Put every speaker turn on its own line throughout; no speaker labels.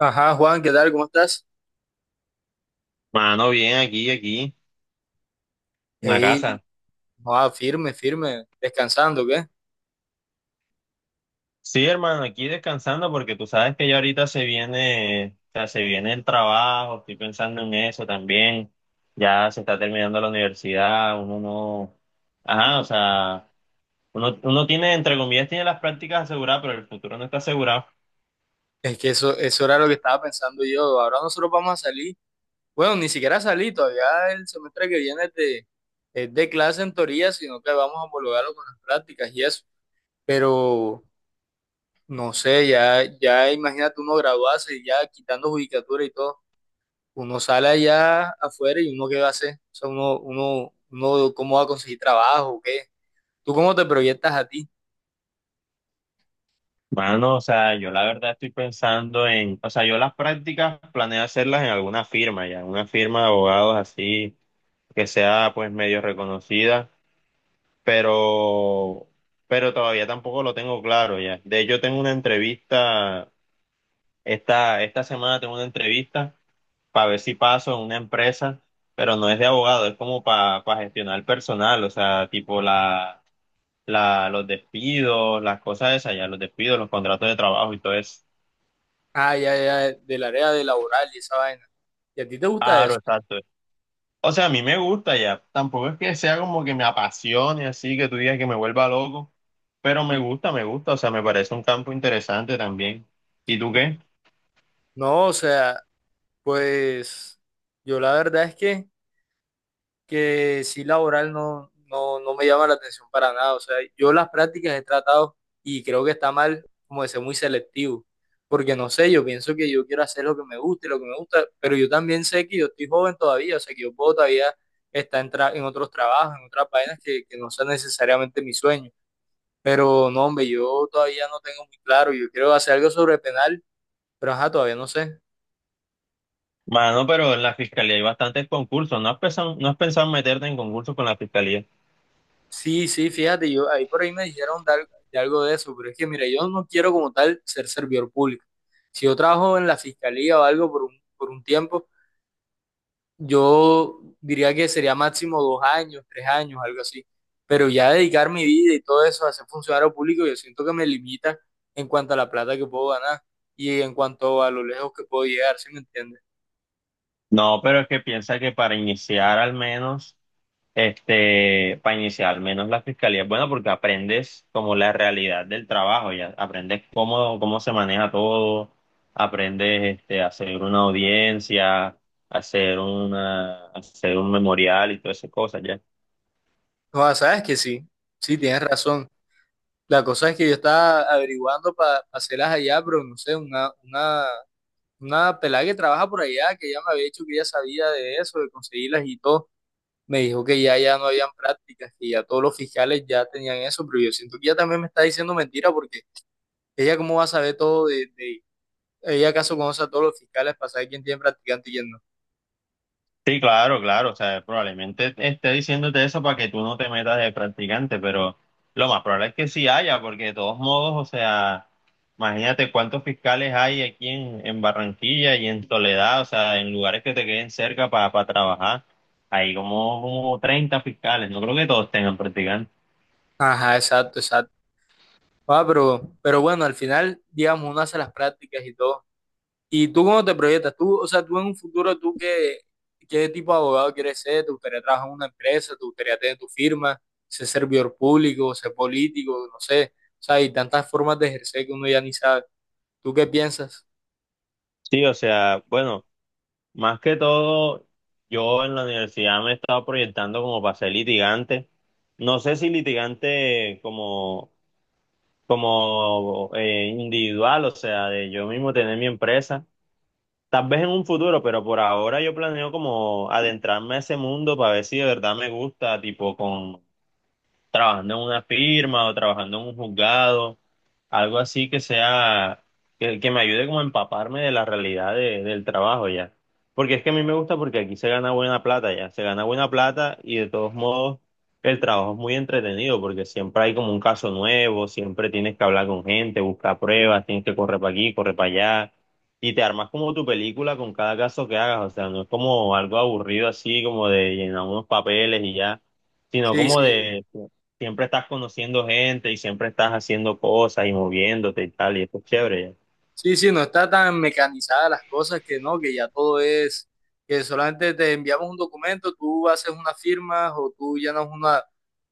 Ajá, Juan, ¿qué tal? ¿Cómo estás?
Mano, bien, aquí, en la
Ey,
casa.
ah, firme, firme, descansando, ¿qué?
Sí, hermano, aquí descansando porque tú sabes que ya ahorita se viene, o sea, se viene el trabajo, estoy pensando en eso también. Ya se está terminando la universidad, uno no, ajá, o sea, uno tiene, entre comillas, tiene las prácticas aseguradas, pero el futuro no está asegurado.
Es que eso era lo que estaba pensando yo. Ahora nosotros vamos a salir. Bueno, ni siquiera salí, todavía el semestre que viene es de clase en teoría, sino que vamos a homologarlo con las prácticas y eso. Pero, no sé, ya, ya imagínate uno graduarse y ya quitando judicatura y todo. Uno sale allá afuera y uno qué va a hacer. O sea, uno, ¿cómo va a conseguir trabajo? ¿Qué? ¿Tú cómo te proyectas a ti?
Mano, o sea, yo la verdad estoy pensando en, o sea, yo las prácticas planeo hacerlas en alguna firma ya, una firma de abogados así, que sea pues medio reconocida pero, pero todavía tampoco lo tengo claro ya. De hecho, tengo una entrevista, esta semana tengo una entrevista para ver si paso en una empresa, pero no es de abogado, es como para gestionar personal, o sea, tipo los despidos, las cosas esas ya, los despidos, los contratos de trabajo y todo eso.
Ah, ya, ya, del área de laboral y esa vaina. ¿Y a ti te gusta
Claro,
eso?
exacto. O sea, a mí me gusta ya. Tampoco es que sea como que me apasione así, que tú digas que me vuelva loco, pero me gusta, me gusta. O sea, me parece un campo interesante también. ¿Y tú qué?
No, o sea, pues yo la verdad es que, sí, laboral no, no, no me llama la atención para nada. O sea, yo las prácticas he tratado y creo que está mal como de ser muy selectivo. Porque no sé, yo pienso que yo quiero hacer lo que me guste, lo que me gusta, pero yo también sé que yo estoy joven todavía, o sea, que yo puedo todavía estar en otros trabajos, en otras vainas que no sean necesariamente mi sueño. Pero no, hombre, yo todavía no tengo muy claro. Yo quiero hacer algo sobre penal, pero ajá, todavía no sé.
Mano, pero en la fiscalía hay bastantes concursos. ¿No has pensado, no has pensado en meterte en concursos con la fiscalía?
Sí, sí, fíjate, yo ahí por ahí me dijeron de algo de eso, pero es que mira, yo no quiero como tal ser servidor público. Si yo trabajo en la fiscalía o algo por un tiempo, yo diría que sería máximo 2 años, 3 años, algo así. Pero ya dedicar mi vida y todo eso a ser funcionario público, yo siento que me limita en cuanto a la plata que puedo ganar y en cuanto a lo lejos que puedo llegar, ¿sí me entiendes?
No, pero es que piensa que para iniciar al menos. Este, para iniciar, al menos la fiscalía es buena porque aprendes como la realidad del trabajo, ya aprendes cómo, cómo se maneja todo, aprendes este, a hacer una audiencia, hacer una, hacer un memorial y todas esas cosas, ya.
No, sabes que sí, sí, tienes razón. La cosa es que yo estaba averiguando para hacerlas allá, pero no sé, una pelada que trabaja por allá, que ya me había dicho que ya sabía de eso, de conseguirlas y todo, me dijo que ya, ya no habían prácticas, que ya todos los fiscales ya tenían eso, pero yo siento que ella también me está diciendo mentira porque ella cómo va a saber todo. Ella acaso conoce a todos los fiscales para saber quién tiene practicante y quién no.
Sí, claro, claro, o sea, probablemente esté diciéndote eso para que tú no te metas de practicante, pero lo más probable es que sí haya, porque de todos modos, o sea, imagínate cuántos fiscales hay aquí en Barranquilla y en Soledad, o sea, en lugares que te queden cerca para trabajar, hay como, como 30 fiscales, no creo que todos tengan practicantes.
Ajá, exacto, exacto. Ah, pero bueno, al final, digamos, uno hace las prácticas y todo. ¿Y tú cómo te proyectas? Tú, o sea, tú en un futuro, ¿tú qué, tipo de abogado quieres ser? ¿Te gustaría trabajar en una empresa? ¿Te gustaría tener tu firma? ¿Ser servidor público? ¿Ser político? No sé. O sea, hay tantas formas de ejercer que uno ya ni sabe. ¿Tú qué piensas?
Sí, o sea, bueno, más que todo, yo en la universidad me he estado proyectando como para ser litigante. No sé si litigante como como individual, o sea, de yo mismo tener mi empresa, tal vez en un futuro, pero por ahora yo planeo como adentrarme a ese mundo para ver si de verdad me gusta, tipo con trabajando en una firma o trabajando en un juzgado, algo así que sea, que me ayude como a empaparme de la realidad de- del trabajo ya. Porque es que a mí me gusta porque aquí se gana buena plata ya, se gana buena plata y de todos modos el trabajo es muy entretenido porque siempre hay como un caso nuevo, siempre tienes que hablar con gente, buscar pruebas, tienes que correr para aquí, correr para allá. Y te armas como tu película con cada caso que hagas, o sea, no es como algo aburrido así como de llenar unos papeles y ya, sino
Sí,
como
sí.
de, siempre estás conociendo gente y siempre estás haciendo cosas y moviéndote y tal, y eso es chévere.
Sí, sí, no está tan mecanizada las cosas que no, que ya todo es, que solamente te enviamos un documento, tú haces unas firmas o tú llenas una,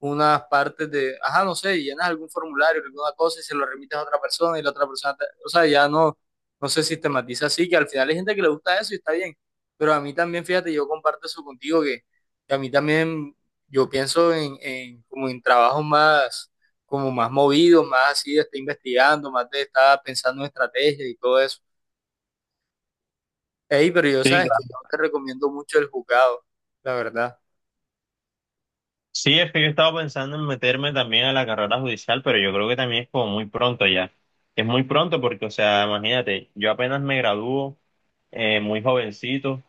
unas partes de, ajá, no sé, llenas algún formulario, alguna cosa y se lo remites a otra persona y la otra persona, o sea, ya no, no se sistematiza así, que al final hay gente que le gusta eso y está bien, pero a mí también, fíjate, yo comparto eso contigo, que, a mí también, yo pienso en como en trabajos más como más movido, más así de estar investigando, más de estar pensando en estrategias y todo eso. Ey, pero yo
Sí,
sabes que
claro.
yo no te recomiendo mucho el jugado, la verdad.
Sí, es que yo estaba pensando en meterme también a la carrera judicial, pero yo creo que también es como muy pronto ya. Es muy pronto porque, o sea, imagínate, yo apenas me gradúo muy jovencito.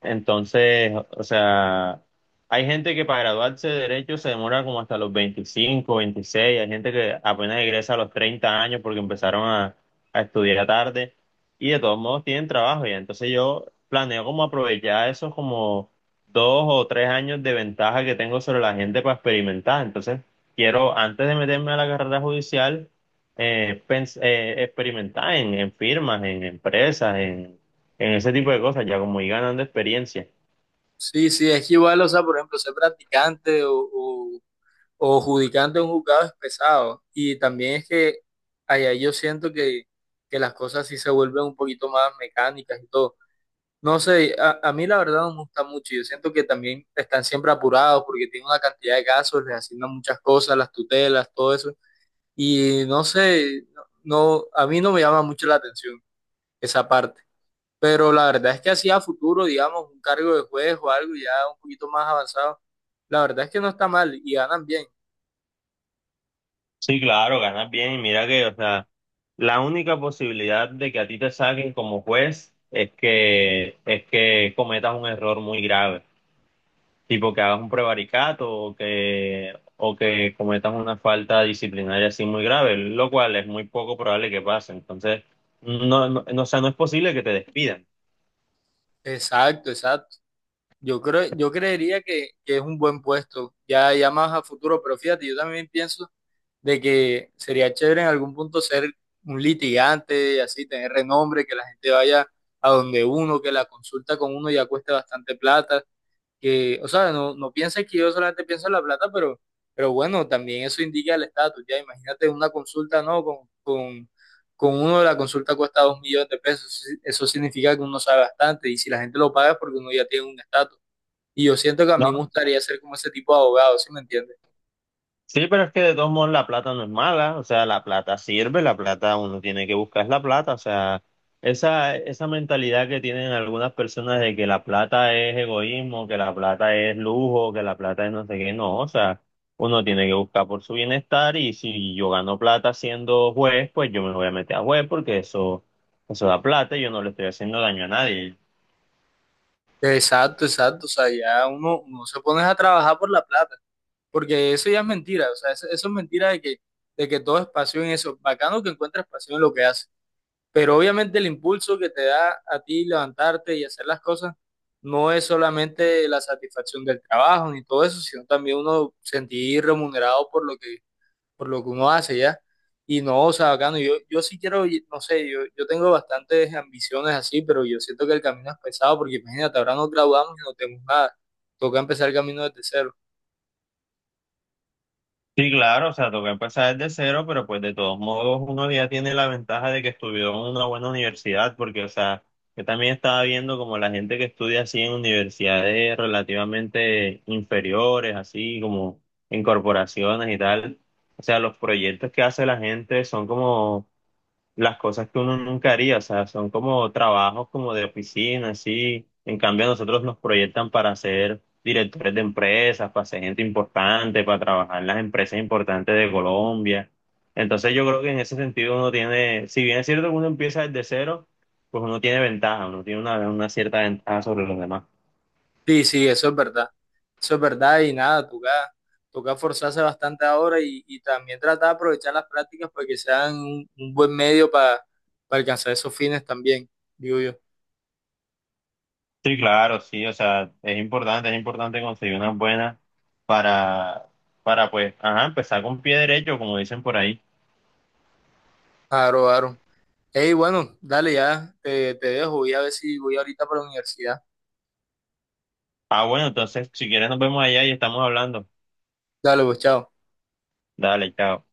Entonces, o sea, hay gente que para graduarse de derecho se demora como hasta los 25, 26, hay gente que apenas egresa a los 30 años porque empezaron a estudiar tarde y de todos modos tienen trabajo ya. Entonces yo planeo como aprovechar esos como 2 o 3 años de ventaja que tengo sobre la gente para experimentar. Entonces quiero, antes de meterme a la carrera judicial, experimentar en firmas, en empresas, en ese tipo de cosas, ya como ir ganando experiencia.
Sí, sí, es que igual, o sea, por ejemplo, ser practicante o judicante de un juzgado es pesado. Y también es que allá yo siento que las cosas sí se vuelven un poquito más mecánicas y todo. No sé, a mí la verdad no me gusta mucho. Yo siento que también están siempre apurados porque tienen una cantidad de casos, les asignan muchas cosas, las tutelas, todo eso. Y no sé, no, a mí no me llama mucho la atención esa parte. Pero la verdad es que así a futuro, digamos, un cargo de juez o algo ya un poquito más avanzado, la verdad es que no está mal y ganan bien.
Sí, claro, ganas bien y mira que, o sea, la única posibilidad de que a ti te saquen como juez es que cometas un error muy grave, tipo que hagas un prevaricato o que cometas una falta disciplinaria así muy grave, lo cual es muy poco probable que pase. Entonces, no, no, no, o sea, no es posible que te despidan.
Exacto, exacto. Yo creo, yo creería que, es un buen puesto, ya, ya más a futuro, pero fíjate, yo también pienso de que sería chévere en algún punto ser un litigante, así tener renombre, que la gente vaya a donde uno, que la consulta con uno ya cueste bastante plata que, o sea, no, no pienses que yo solamente pienso en la plata, pero bueno, también eso indica el estatus, ya imagínate una consulta, ¿no? con uno la consulta cuesta 2 millones de pesos, eso significa que uno sabe bastante y si la gente lo paga es porque uno ya tiene un estatus. Y yo siento que a mí me gustaría ser como ese tipo de abogado, ¿sí me entiendes?
Sí, pero es que de todos modos la plata no es mala, o sea, la plata sirve, la plata uno tiene que buscar es la plata, o sea, esa mentalidad que tienen algunas personas de que la plata es egoísmo, que la plata es lujo, que la plata es no sé qué, no, o sea, uno tiene que buscar por su bienestar y si yo gano plata siendo juez, pues yo me voy a meter a juez porque eso da plata y yo no le estoy haciendo daño a nadie.
Exacto, exacto, o sea, ya uno, uno se pone a trabajar por la plata, porque eso ya es mentira, o sea, eso es mentira de que, todo es pasión en eso, bacano que encuentra pasión en lo que hace. Pero obviamente el impulso que te da a ti levantarte y hacer las cosas no es solamente la satisfacción del trabajo ni todo eso, sino también uno sentir remunerado por lo que, por, lo que uno hace ya. Y no, o sea, bacano, yo, sí quiero, no sé, yo tengo bastantes ambiciones así, pero yo siento que el camino es pesado porque imagínate, ahora nos graduamos y no tenemos nada. Toca empezar el camino desde cero.
Sí, claro, o sea, toca empezar desde cero, pero pues de todos modos uno ya tiene la ventaja de que estudió en una buena universidad, porque, o sea, yo también estaba viendo como la gente que estudia así en universidades relativamente inferiores, así como en corporaciones y tal, o sea, los proyectos que hace la gente son como las cosas que uno nunca haría, o sea, son como trabajos como de oficina, así. En cambio, a nosotros nos proyectan para ser directores de empresas, para ser gente importante, para trabajar en las empresas importantes de Colombia. Entonces, yo creo que en ese sentido uno tiene, si bien es cierto que uno empieza desde cero, pues uno tiene ventaja, uno tiene una cierta ventaja sobre los demás.
Sí, sí, eso es verdad. Eso es verdad y nada, toca, forzarse bastante ahora y también tratar de aprovechar las prácticas para que sean un buen medio para, alcanzar esos fines también, digo yo.
Sí, claro, sí, o sea, es importante conseguir unas buenas para, para pues, ajá, empezar con pie derecho, como dicen por ahí.
Claro, claro. Hey, bueno, dale ya, te dejo, voy a ver si voy ahorita para la universidad.
Ah, bueno, entonces si quieres nos vemos allá y estamos hablando.
Dale, pues, chao.
Dale, chao.